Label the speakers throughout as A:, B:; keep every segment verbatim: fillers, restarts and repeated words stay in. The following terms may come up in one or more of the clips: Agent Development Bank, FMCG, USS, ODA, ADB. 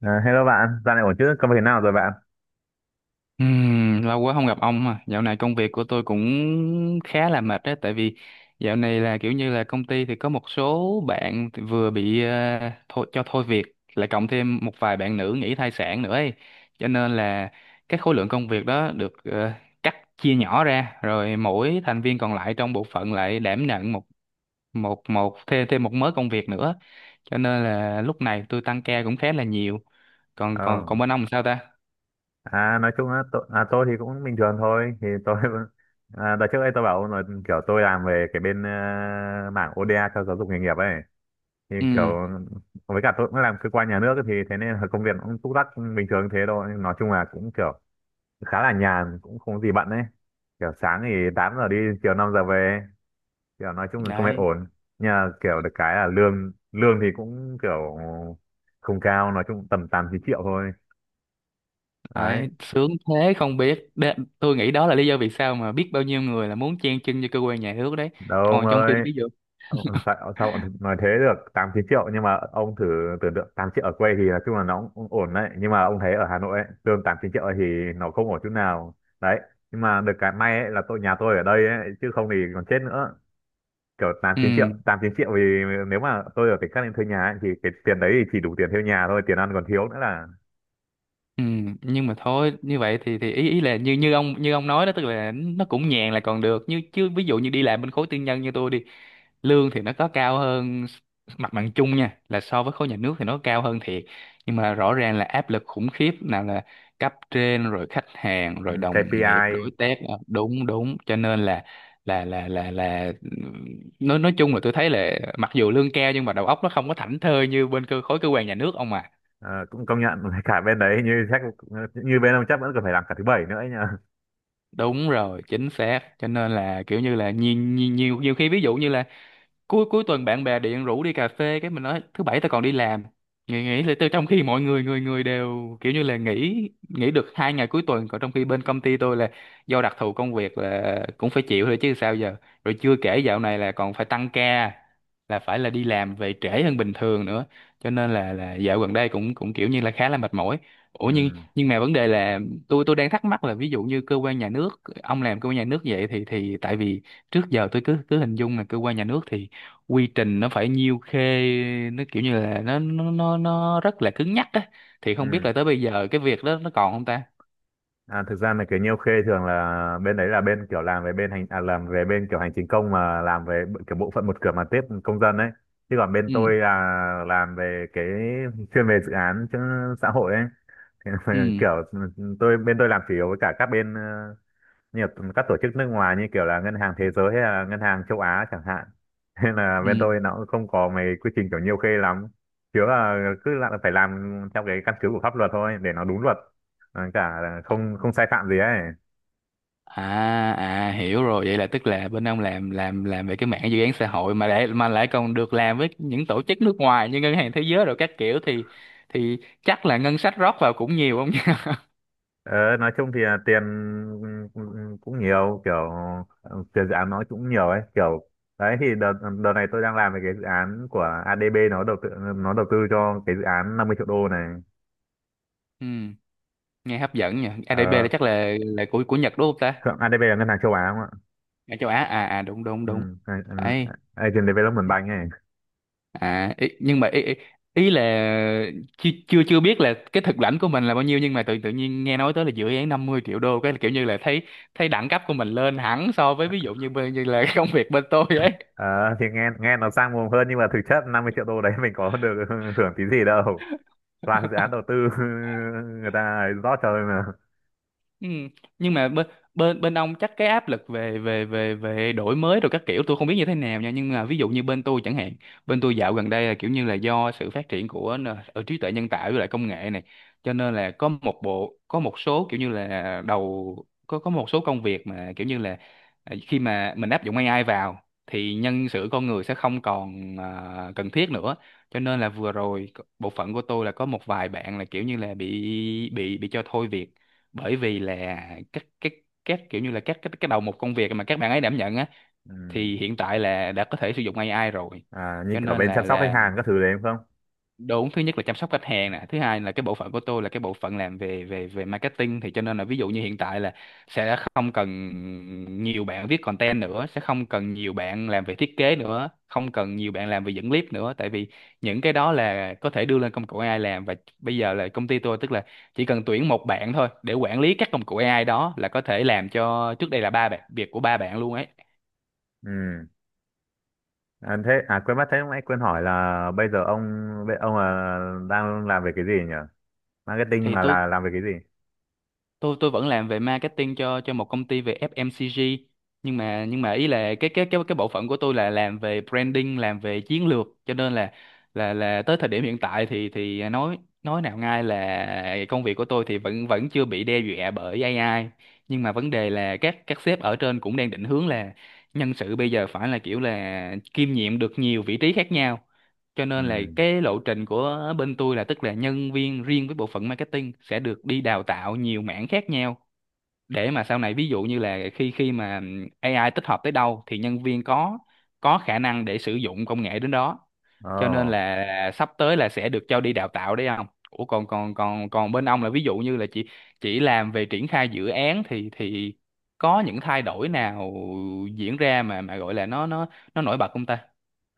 A: Ờ, Hello bạn, dạo này ổn chứ? Công việc thế nào rồi bạn?
B: Ừm, lâu quá không gặp ông à. Dạo này công việc của tôi cũng khá là mệt đấy, tại vì dạo này là kiểu như là công ty thì có một số bạn thì vừa bị ờ, thôi, cho thôi việc, lại cộng thêm một vài bạn nữ nghỉ thai sản nữa ấy. Cho nên là cái khối lượng công việc đó được ờ, cắt chia nhỏ ra, rồi mỗi thành viên còn lại trong bộ phận lại đảm nhận một một một thêm thêm một mớ công việc nữa. Cho nên là lúc này tôi tăng ca cũng khá là nhiều. Còn còn
A: Ờ,
B: còn bên ông sao ta?
A: à, nói chung á, tôi, à, tôi thì cũng bình thường thôi. Thì tôi, à, đợt trước đây tôi bảo ông là kiểu tôi làm về cái bên ờ, mảng o đê a cho giáo dục nghề nghiệp ấy. Thì
B: Ừ,
A: kiểu, với cả tôi cũng làm cơ quan nhà nước ấy, thì thế nên là công việc cũng túc tắc bình thường thế thôi. Nói chung là cũng kiểu khá là nhàn, cũng không có gì bận ấy. Kiểu sáng thì tám giờ đi, chiều năm giờ về. Kiểu nói chung là công việc
B: đấy.
A: ổn, nhưng mà kiểu được cái là lương lương thì cũng kiểu không cao, nói chung tầm tám chín triệu thôi. Đấy,
B: Đấy, sướng thế không biết. Đe- tôi nghĩ đó là lý do vì sao mà biết bao nhiêu người là muốn chen chân cho cơ quan nhà nước đấy,
A: đâu ông
B: còn trong khi
A: ơi.
B: ví dụ.
A: Ông, sao, sao ông nói thế? Được tám chín triệu nhưng mà ông thử tưởng tượng tám triệu ở quê thì nói chung là nó cũng ổn đấy, nhưng mà ông thấy ở Hà Nội ấy, lương tám chín triệu ấy thì nó không ổn chút nào. Đấy, nhưng mà được cái may ấy là tôi nhà tôi ở đây ấy chứ không thì còn chết nữa. Kiểu tám
B: Ừ,
A: chín triệu tám chín triệu thì nếu mà tôi ở tỉnh khác lên thuê nhà ấy, thì cái tiền đấy thì chỉ đủ tiền thuê nhà thôi, tiền ăn còn thiếu nữa là.
B: ừ. Nhưng mà thôi, như vậy thì thì ý ý là như như ông như ông nói đó, tức là nó cũng nhàn là còn được. Như chứ ví dụ như đi làm bên khối tư nhân như tôi đi, lương thì nó có cao hơn mặt bằng chung nha, là so với khối nhà nước thì nó cao hơn thiệt, nhưng mà rõ ràng là áp lực khủng khiếp, nào là cấp trên rồi khách hàng
A: Ừ,
B: rồi đồng nghiệp,
A: kây pi ai.
B: đối tác. Ờ, Đúng, đúng. Cho nên là là là là là nói nói chung là tôi thấy là mặc dù lương cao nhưng mà đầu óc nó không có thảnh thơi như bên cơ khối cơ quan nhà nước, ông à.
A: ờ, Cũng công nhận cả bên đấy, như chắc như bên ông chắc vẫn còn phải làm cả thứ bảy nữa ấy nhờ.
B: Đúng rồi, chính xác. Cho nên là kiểu như là nhiều nhiều nhiều nhiều khi, ví dụ như là cuối cuối tuần bạn bè điện rủ đi cà phê, cái mình nói thứ bảy tao còn đi làm. Nghỉ nghỉ là từ trong khi mọi người người người đều kiểu như là nghỉ nghỉ được hai ngày cuối tuần, còn trong khi bên công ty tôi là do đặc thù công việc là cũng phải chịu thôi chứ sao giờ. Rồi chưa kể dạo này là còn phải tăng ca, là phải là đi làm về trễ hơn bình thường nữa. Cho nên là là dạo gần đây cũng cũng kiểu như là khá là mệt mỏi. Ủa, nhưng
A: Ừ,
B: nhưng mà vấn đề là tôi tôi đang thắc mắc là, ví dụ như cơ quan nhà nước, ông làm cơ quan nhà nước vậy thì thì tại vì trước giờ tôi cứ cứ hình dung là cơ quan nhà nước thì quy trình nó phải nhiêu khê, nó kiểu như là nó nó nó, nó rất là cứng nhắc á, thì không biết
A: ừ.
B: là tới bây giờ cái việc đó nó còn không ta.
A: À, thực ra là cái nhiêu khê thường là bên đấy, là bên kiểu làm về bên hành à, làm về bên kiểu hành chính công, mà làm về b- kiểu bộ phận một cửa mà tiếp công dân ấy, chứ còn bên tôi
B: Ừ,
A: là làm về cái chuyên về dự án chứ xã hội ấy. Thế nên là
B: ừ,
A: kiểu ừ, tôi bên tôi làm chủ yếu với cả các bên ờ, nhiều các tổ chức nước ngoài như kiểu là ngân hàng thế giới hay là ngân hàng châu Á chẳng hạn. Nên là bên
B: ừ.
A: tôi nó cũng không có mấy quy trình kiểu nhiều khê lắm, chứ là cứ là phải làm theo cái căn cứ của pháp luật thôi để nó đúng luật. Ờ, cả là không không sai phạm gì ấy.
B: À, à, hiểu rồi. Vậy là tức là bên ông làm làm làm về cái mảng dự án xã hội mà lại mà lại còn được làm với những tổ chức nước ngoài như ngân hàng thế giới rồi các kiểu, thì thì chắc là ngân sách rót vào cũng nhiều không nhỉ.
A: ờ, nói chung thì là tiền cũng cũng nhiều kiểu, ờ, tiền dự án nó cũng nhiều ấy. Kiểu đấy thì đợt đợt này tôi đang làm về cái dự án của a đê bê nó đầu tư, nó đầu tư cho cái dự án năm mươi triệu đô này.
B: Ừ, nghe hấp dẫn nhỉ. a đê bê là
A: ờ,
B: chắc là là của của Nhật đúng không ta?
A: a đê bê là ngân hàng châu Á.
B: À, châu Á. À, à, đúng, đúng, đúng.
A: Ừ, a-
B: Đấy.
A: a- Agent Development Bank này.
B: À, ý, nhưng mà ý, ý, ý là chưa chưa chưa biết là cái thực lãnh của mình là bao nhiêu, nhưng mà tự tự nhiên nghe nói tới là dự án năm mươi triệu đô, cái là kiểu như là thấy thấy đẳng cấp của mình lên hẳn so với ví dụ như bên như là công việc bên tôi ấy.
A: Ờ, thì nghe nghe nó sang mồm hơn, nhưng mà thực chất năm mươi triệu đô đấy mình có được hưởng tí gì đâu, toàn dự án đầu tư người ta ấy rót cho thôi mà.
B: Ừ. Nhưng mà bên bên bên ông chắc cái áp lực về về về về đổi mới rồi các kiểu tôi không biết như thế nào nha, nhưng mà ví dụ như bên tôi chẳng hạn, bên tôi dạo gần đây là kiểu như là do sự phát triển của n- ở trí tuệ nhân tạo với lại công nghệ này, cho nên là có một bộ có một số kiểu như là đầu có có một số công việc mà kiểu như là, à, khi mà mình áp dụng a i vào thì nhân sự con người sẽ không còn, à, cần thiết nữa. Cho nên là vừa rồi bộ phận của tôi là có một vài bạn là kiểu như là bị bị bị cho thôi việc, bởi vì là các các các kiểu như là các cái cái đầu một công việc mà các bạn ấy đảm nhận á
A: Ừ.
B: thì hiện tại là đã có thể sử dụng a i rồi.
A: À, như
B: Cho
A: kiểu
B: nên
A: bên
B: là
A: chăm sóc khách
B: là
A: hàng các thứ đấy đúng không?
B: đúng, thứ nhất là chăm sóc khách hàng nè, thứ hai là cái bộ phận của tôi là cái bộ phận làm về về về marketing, thì cho nên là ví dụ như hiện tại là sẽ không cần nhiều bạn viết content nữa, sẽ không cần nhiều bạn làm về thiết kế nữa, không cần nhiều bạn làm về dẫn clip nữa, tại vì những cái đó là có thể đưa lên công cụ a i làm, và bây giờ là công ty tôi tức là chỉ cần tuyển một bạn thôi để quản lý các công cụ a i đó, là có thể làm cho trước đây là ba bạn, việc của ba bạn luôn ấy.
A: Ừ. À, thế à, quên mất, thế lúc nãy quên hỏi là bây giờ ông, bây- ông là đang làm về cái gì nhỉ? Marketing
B: Thì
A: mà
B: tôi
A: là làm về cái gì?
B: tôi tôi vẫn làm về marketing cho cho một công ty về ép em xê giê, nhưng mà nhưng mà ý là cái cái cái cái bộ phận của tôi là làm về branding, làm về chiến lược, cho nên là là là tới thời điểm hiện tại thì thì nói nói nào ngay là công việc của tôi thì vẫn vẫn chưa bị đe dọa bởi ây ai, nhưng mà vấn đề là các các sếp ở trên cũng đang định hướng là nhân sự bây giờ phải là kiểu là kiêm nhiệm được nhiều vị trí khác nhau. Cho nên là
A: Ừ.
B: cái lộ trình của bên tôi là tức là nhân viên riêng với bộ phận marketing sẽ được đi đào tạo nhiều mảng khác nhau, để mà sau này ví dụ như là khi khi mà a i tích hợp tới đâu thì nhân viên có có khả năng để sử dụng công nghệ đến đó.
A: Ồ.
B: Cho nên là sắp tới là sẽ được cho đi đào tạo đấy không. Ủa, còn còn còn còn bên ông là ví dụ như là chỉ chỉ làm về triển khai dự án thì thì có những thay đổi nào diễn ra mà mà gọi là nó nó nó nổi bật không ta?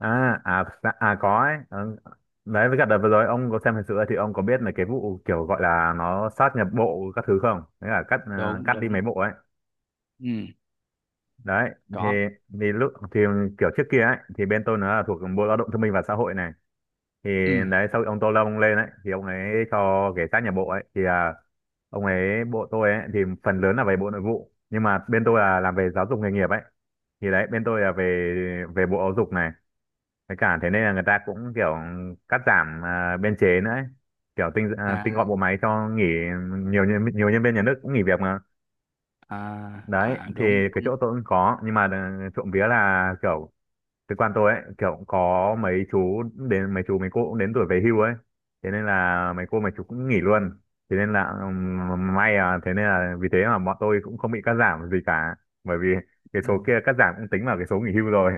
A: À, à, dạ, à, có ấy. Ừ. Đấy, với cả đợt vừa rồi ông có xem hình sự ấy, thì ông có biết là cái vụ kiểu gọi là nó sát nhập bộ các thứ không? Đấy là cắt ờ,
B: Đúng,
A: cắt đi
B: đúng.
A: mấy bộ ấy.
B: Ừ,
A: Đấy thì
B: có.
A: thì lúc thì kiểu trước kia ấy thì bên tôi nó là thuộc bộ lao động thương binh và xã hội này. Thì
B: Ừ.
A: đấy, sau khi ông Tô Lâm lên ấy thì ông ấy cho cái sát nhập bộ ấy thì, à, ông ấy bộ tôi ấy thì phần lớn là về bộ nội vụ, nhưng mà bên tôi là làm về giáo dục nghề nghiệp ấy, thì đấy bên tôi là về về bộ giáo dục này. Với cả thế nên là người ta cũng kiểu cắt giảm à, biên chế nữa ấy. Kiểu tinh à, tinh
B: À,
A: gọn bộ máy cho nghỉ, nhiều nhân nhiều nhân viên nhà nước cũng nghỉ việc mà.
B: à,
A: Đấy
B: à.
A: thì
B: Đúng,
A: cái
B: đúng.
A: chỗ tôi cũng có, nhưng mà ờ, trộm vía là kiểu cơ quan tôi ấy kiểu cũng có mấy chú, đến mấy chú mấy cô cũng đến tuổi về hưu ấy. Thế nên là mấy cô mấy chú cũng nghỉ luôn. Thế nên là ừm, may, à, thế nên là vì thế mà bọn tôi cũng không bị cắt giảm gì cả, bởi vì cái
B: Ừ.
A: số kia cắt giảm cũng tính vào cái số nghỉ hưu rồi.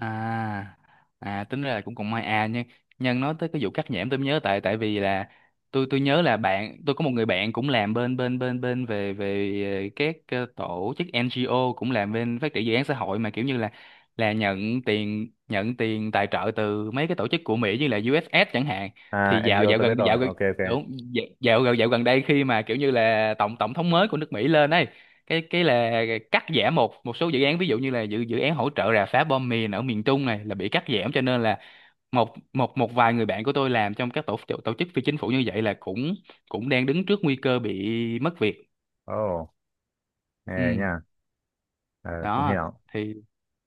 B: À, à, tính ra là cũng còn may à, nhưng nhân nói tới cái vụ cắt nhẽm tôi mới nhớ, tại tại vì là tôi tôi nhớ là bạn tôi có một người bạn cũng làm bên bên bên bên về về ờ, các ờ, tổ chức en giê ô, cũng làm bên phát triển dự án xã hội, mà kiểu như là là nhận tiền nhận tiền tài trợ từ mấy cái tổ chức của Mỹ như là u ét ét chẳng hạn.
A: À,
B: Thì dạo
A: en giê o
B: dạo
A: tôi biết
B: gần
A: rồi.
B: dạo gần.
A: Ok, ok.
B: Đúng. Dạo dạo gần Dạo gần đây khi mà kiểu như là tổng tổng thống mới của nước Mỹ lên ấy, cái cái là cắt giảm một một số dự án, ví dụ như là dự dự án hỗ trợ rà phá bom mìn ở miền Trung này là bị cắt giảm, cho nên là một một một vài người bạn của tôi làm trong các tổ tổ chức phi chính phủ như vậy là cũng cũng đang đứng trước nguy cơ bị mất việc.
A: Ồ. Ê
B: Ừ.
A: nha, ờ, cũng
B: Đó.
A: hiểu.
B: Thì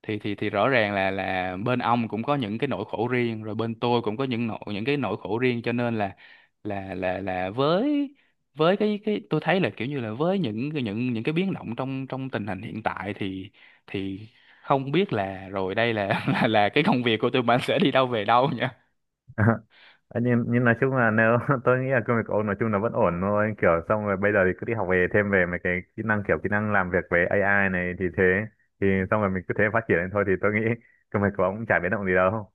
B: thì thì thì rõ ràng là là bên ông cũng có những cái nỗi khổ riêng, rồi bên tôi cũng có những nỗi, những cái nỗi khổ riêng, cho nên là là là là với với cái cái tôi thấy là kiểu như là với những những những cái biến động trong trong tình hình hiện tại thì thì không biết là rồi đây là là, là cái công việc của tụi mình sẽ đi đâu về đâu nha.
A: Ờ, nhưng, nhưng nói chung là nếu tôi nghĩ là công việc của ông nói chung là vẫn ổn thôi. Kiểu xong rồi bây giờ thì cứ đi học về thêm về mấy cái kỹ năng kiểu kỹ năng làm việc với a i này thì thế. Thì xong rồi mình cứ thế phát triển lên thôi, thì tôi nghĩ công việc của ông cũng chả biến động gì đâu.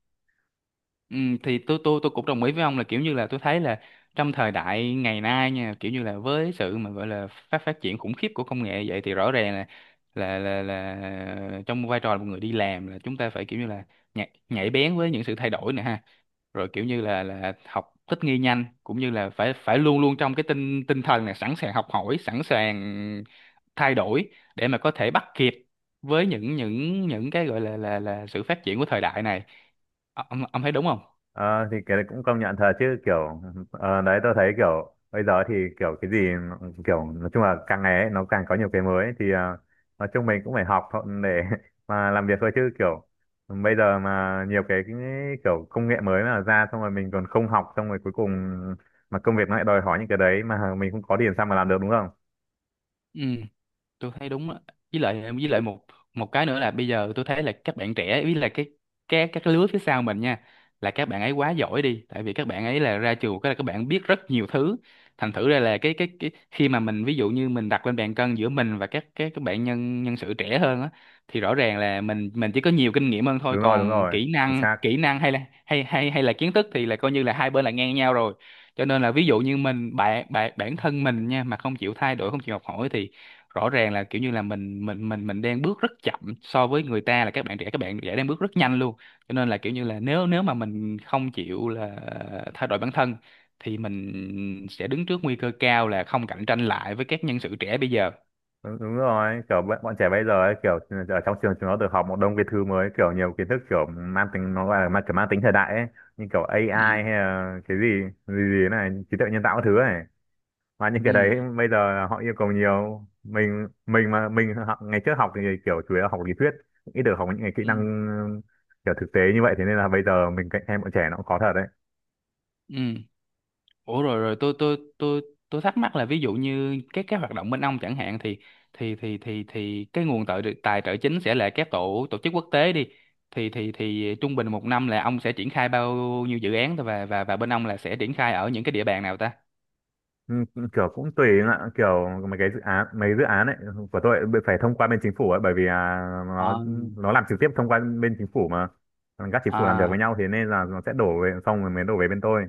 B: Ừ, thì tôi tôi tôi cũng đồng ý với ông là kiểu như là tôi thấy là trong thời đại ngày nay nha, kiểu như là với sự mà gọi là phát phát triển khủng khiếp của công nghệ vậy, thì rõ ràng là là là là trong vai trò là một người đi làm, là chúng ta phải kiểu như là nhạy, nhạy bén với những sự thay đổi nè ha, rồi kiểu như là là học thích nghi nhanh, cũng như là phải phải luôn luôn trong cái tinh tinh thần là sẵn sàng học hỏi, sẵn sàng thay đổi để mà có thể bắt kịp với những những những cái gọi là là là sự phát triển của thời đại này. Ờ, ông ông thấy đúng không?
A: Ờ, thì cái đấy cũng công nhận thật chứ kiểu, ờ, đấy tôi thấy kiểu bây giờ thì kiểu cái gì nó-, kiểu nói chung là càng ngày ấy, nó càng có nhiều cái mới thì ờ, nói chung mình cũng phải học thôi để mà làm việc thôi chứ kiểu bây giờ mà nhiều cái, cái kiểu công nghệ mới mà ra xong rồi mình còn không học, xong rồi cuối cùng mà công việc nó lại đòi hỏi những cái đấy mà mình không có tiền sao mà làm được đúng không?
B: Ừ, tôi thấy đúng á. Với lại với lại một một cái nữa là bây giờ tôi thấy là các bạn trẻ với là cái các các cái lứa phía sau mình nha, là các bạn ấy quá giỏi đi, tại vì các bạn ấy là ra trường cái là các bạn biết rất nhiều thứ. Thành thử ra là cái cái cái khi mà mình, ví dụ như mình đặt lên bàn cân giữa mình và các các các bạn nhân nhân sự trẻ hơn á, thì rõ ràng là mình mình chỉ có nhiều kinh nghiệm hơn thôi,
A: Đúng rồi, đúng
B: còn
A: rồi.
B: kỹ
A: Chính
B: năng
A: xác.
B: kỹ năng hay là hay hay hay là kiến thức thì là coi như là hai bên là ngang nhau rồi. Cho nên là ví dụ như mình bạn bạn bản thân mình nha, mà không chịu thay đổi, không chịu học hỏi, thì rõ ràng là kiểu như là mình mình mình mình đang bước rất chậm so với người ta, là các bạn trẻ các bạn trẻ đang bước rất nhanh luôn. Cho nên là kiểu như là nếu nếu mà mình không chịu là thay đổi bản thân thì mình sẽ đứng trước nguy cơ cao là không cạnh tranh lại với các nhân sự trẻ bây giờ.
A: Đúng, đúng rồi, kiểu bọn, bọn trẻ bây giờ ấy, kiểu ừ, ở trong trường chúng nó được học một đông cái thứ mới, kiểu nhiều kiến thức kiểu mang tính, nó gọi là mang, kiểu mang tính thời đại ấy, như kiểu a i hay
B: Ừ.
A: là cái gì gì gì này, trí tuệ nhân tạo các thứ này. Mà những cái đấy
B: Ừ.
A: bây giờ họ yêu cầu nhiều, mình mình mà mình học ngày trước học thì kiểu chủ yếu là học lý thuyết, ít được học những cái kỹ
B: Ừ.
A: năng kiểu thực tế như vậy, thế nên là bây giờ mình cạnh tranh bọn trẻ nó cũng khó thật đấy.
B: Ừ. Ủa, rồi rồi tôi tôi tôi tôi thắc mắc là ví dụ như các cái hoạt động bên ông chẳng hạn, thì thì thì thì thì cái nguồn tài tài trợ chính sẽ là các tổ tổ chức quốc tế đi, thì thì thì trung bình một năm là ông sẽ triển khai bao nhiêu dự án thôi, và và và bên ông là sẽ triển khai ở những cái địa bàn nào ta?
A: Ừ, kiểu cũng tùy em ạ, kiểu mấy cái dự án mấy dự án ấy của tôi bị phải thông qua bên chính phủ ấy, bởi vì à, nó
B: Ờ.
A: nó làm trực tiếp thông qua bên chính phủ mà, các chính phủ làm việc
B: À.
A: với nhau, thế nên là nó sẽ đổ về xong rồi mới đổ về bên tôi.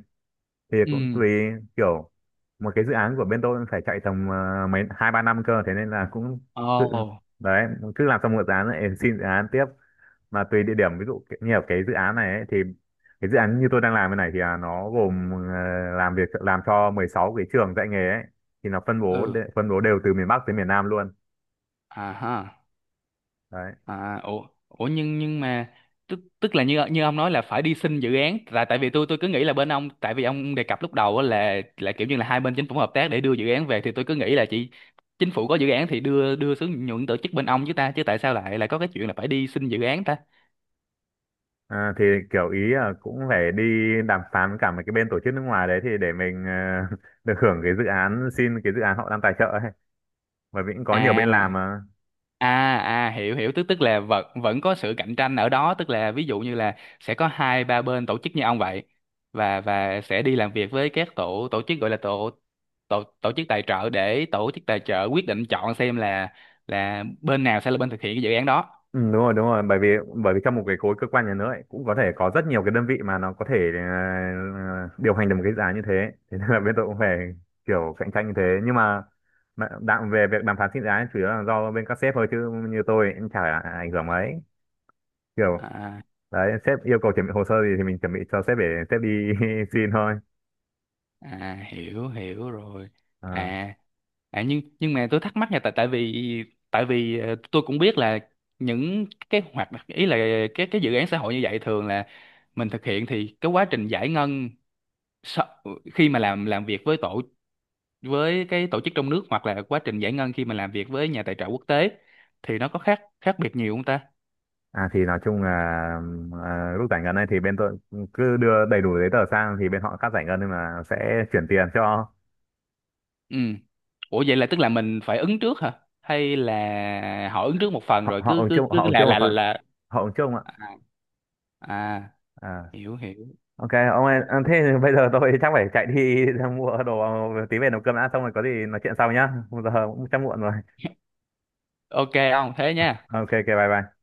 A: Thì cũng
B: Ừ.
A: tùy, kiểu một cái dự án của bên tôi phải chạy tầm à, mấy hai ba năm cơ, thế nên là cũng tự
B: Ồ.
A: đấy cứ làm xong một dự án lại xin dự án tiếp. Mà tùy địa điểm, ví dụ cái- như ở cái dự án này ấy, thì cái dự án như tôi đang làm cái này thì à, nó gồm ờ, làm việc, làm cho mười sáu cái trường dạy nghề ấy, thì nó phân bố
B: Ừ.
A: đe- phân bố đều từ miền Bắc tới miền Nam luôn.
B: À ha.
A: Đấy.
B: À, ủa, ủa nhưng nhưng mà tức tức là như như ông nói là phải đi xin dự án, tại tại vì tôi tôi cứ nghĩ là bên ông, tại vì ông đề cập lúc đầu á là là kiểu như là hai bên chính phủ hợp tác để đưa dự án về, thì tôi cứ nghĩ là chỉ chính phủ có dự án thì đưa đưa xuống nhượng tổ chức bên ông chứ ta, chứ tại sao lại lại có cái chuyện là phải đi xin dự án ta?
A: À, thì kiểu ý là cũng phải đi đàm phán với cả mấy cái bên tổ chức nước ngoài đấy, thì để mình ờ, được hưởng cái dự án xin cái dự án họ đang tài trợ ấy, bởi vì cũng có nhiều
B: À.
A: bên làm mà.
B: À, à, hiểu hiểu, tức tức là vẫn vẫn có sự cạnh tranh ở đó, tức là ví dụ như là sẽ có hai ba bên tổ chức như ông vậy, và và sẽ đi làm việc với các tổ tổ chức gọi là tổ tổ tổ chức tài trợ, để tổ chức tài trợ quyết định chọn xem là là bên nào sẽ là bên thực hiện cái dự án đó.
A: Ừ, đúng rồi, đúng rồi, bởi vì bởi vì trong một cái khối cơ quan nhà nước ấy, cũng có thể có rất nhiều cái đơn vị mà nó có thể ờ, điều hành được một cái giá như thế, thế nên là bên tôi cũng phải kiểu cạnh tranh như thế, nhưng mà mà đạm về việc đàm phán sinh giá chủ yếu là do bên các sếp thôi chứ như tôi cũng chả ảnh hưởng mấy, kiểu
B: À,
A: đấy sếp yêu cầu chuẩn bị hồ sơ gì thì mình chuẩn bị cho sếp để sếp đi xin thôi.
B: à, hiểu hiểu rồi.
A: à,
B: À, à, nhưng nhưng mà tôi thắc mắc nha. Tại tại vì tại vì ờ, tôi cũng biết là những cái hoạt ý là cái cái dự án xã hội như vậy thường là mình thực hiện, thì cái quá trình giải ngân sau- khi mà làm làm việc với tổ với cái tổ chức trong nước, hoặc là quá trình giải ngân khi mà làm việc với nhà tài trợ quốc tế, thì nó có khác khác biệt nhiều không ta?
A: à thì nói chung là, à, lúc giải ngân ấy thì bên tôi cứ đưa đầy đủ giấy tờ sang thì bên họ cắt giải ngân, nhưng mà sẽ chuyển tiền cho.
B: Ừ. Ủa, vậy là tức là mình phải ứng trước hả? Hay là họ ứng trước một phần
A: họ
B: rồi
A: họ
B: cứ
A: ứng
B: cứ
A: chung,
B: cứ
A: họ ứng
B: là
A: chung một
B: là
A: phần,
B: là
A: họ ứng chung ạ.
B: à, à,
A: À.
B: hiểu hiểu.
A: Ok ông ơi, à, thế thì bây giờ tôi chắc phải chạy đi ra mua đồ tí về nấu cơm đã, xong rồi có gì nói chuyện sau nhá, bây giờ cũng chắc muộn rồi.
B: Ok không? Thế nha.
A: Ok, ok, bye bye.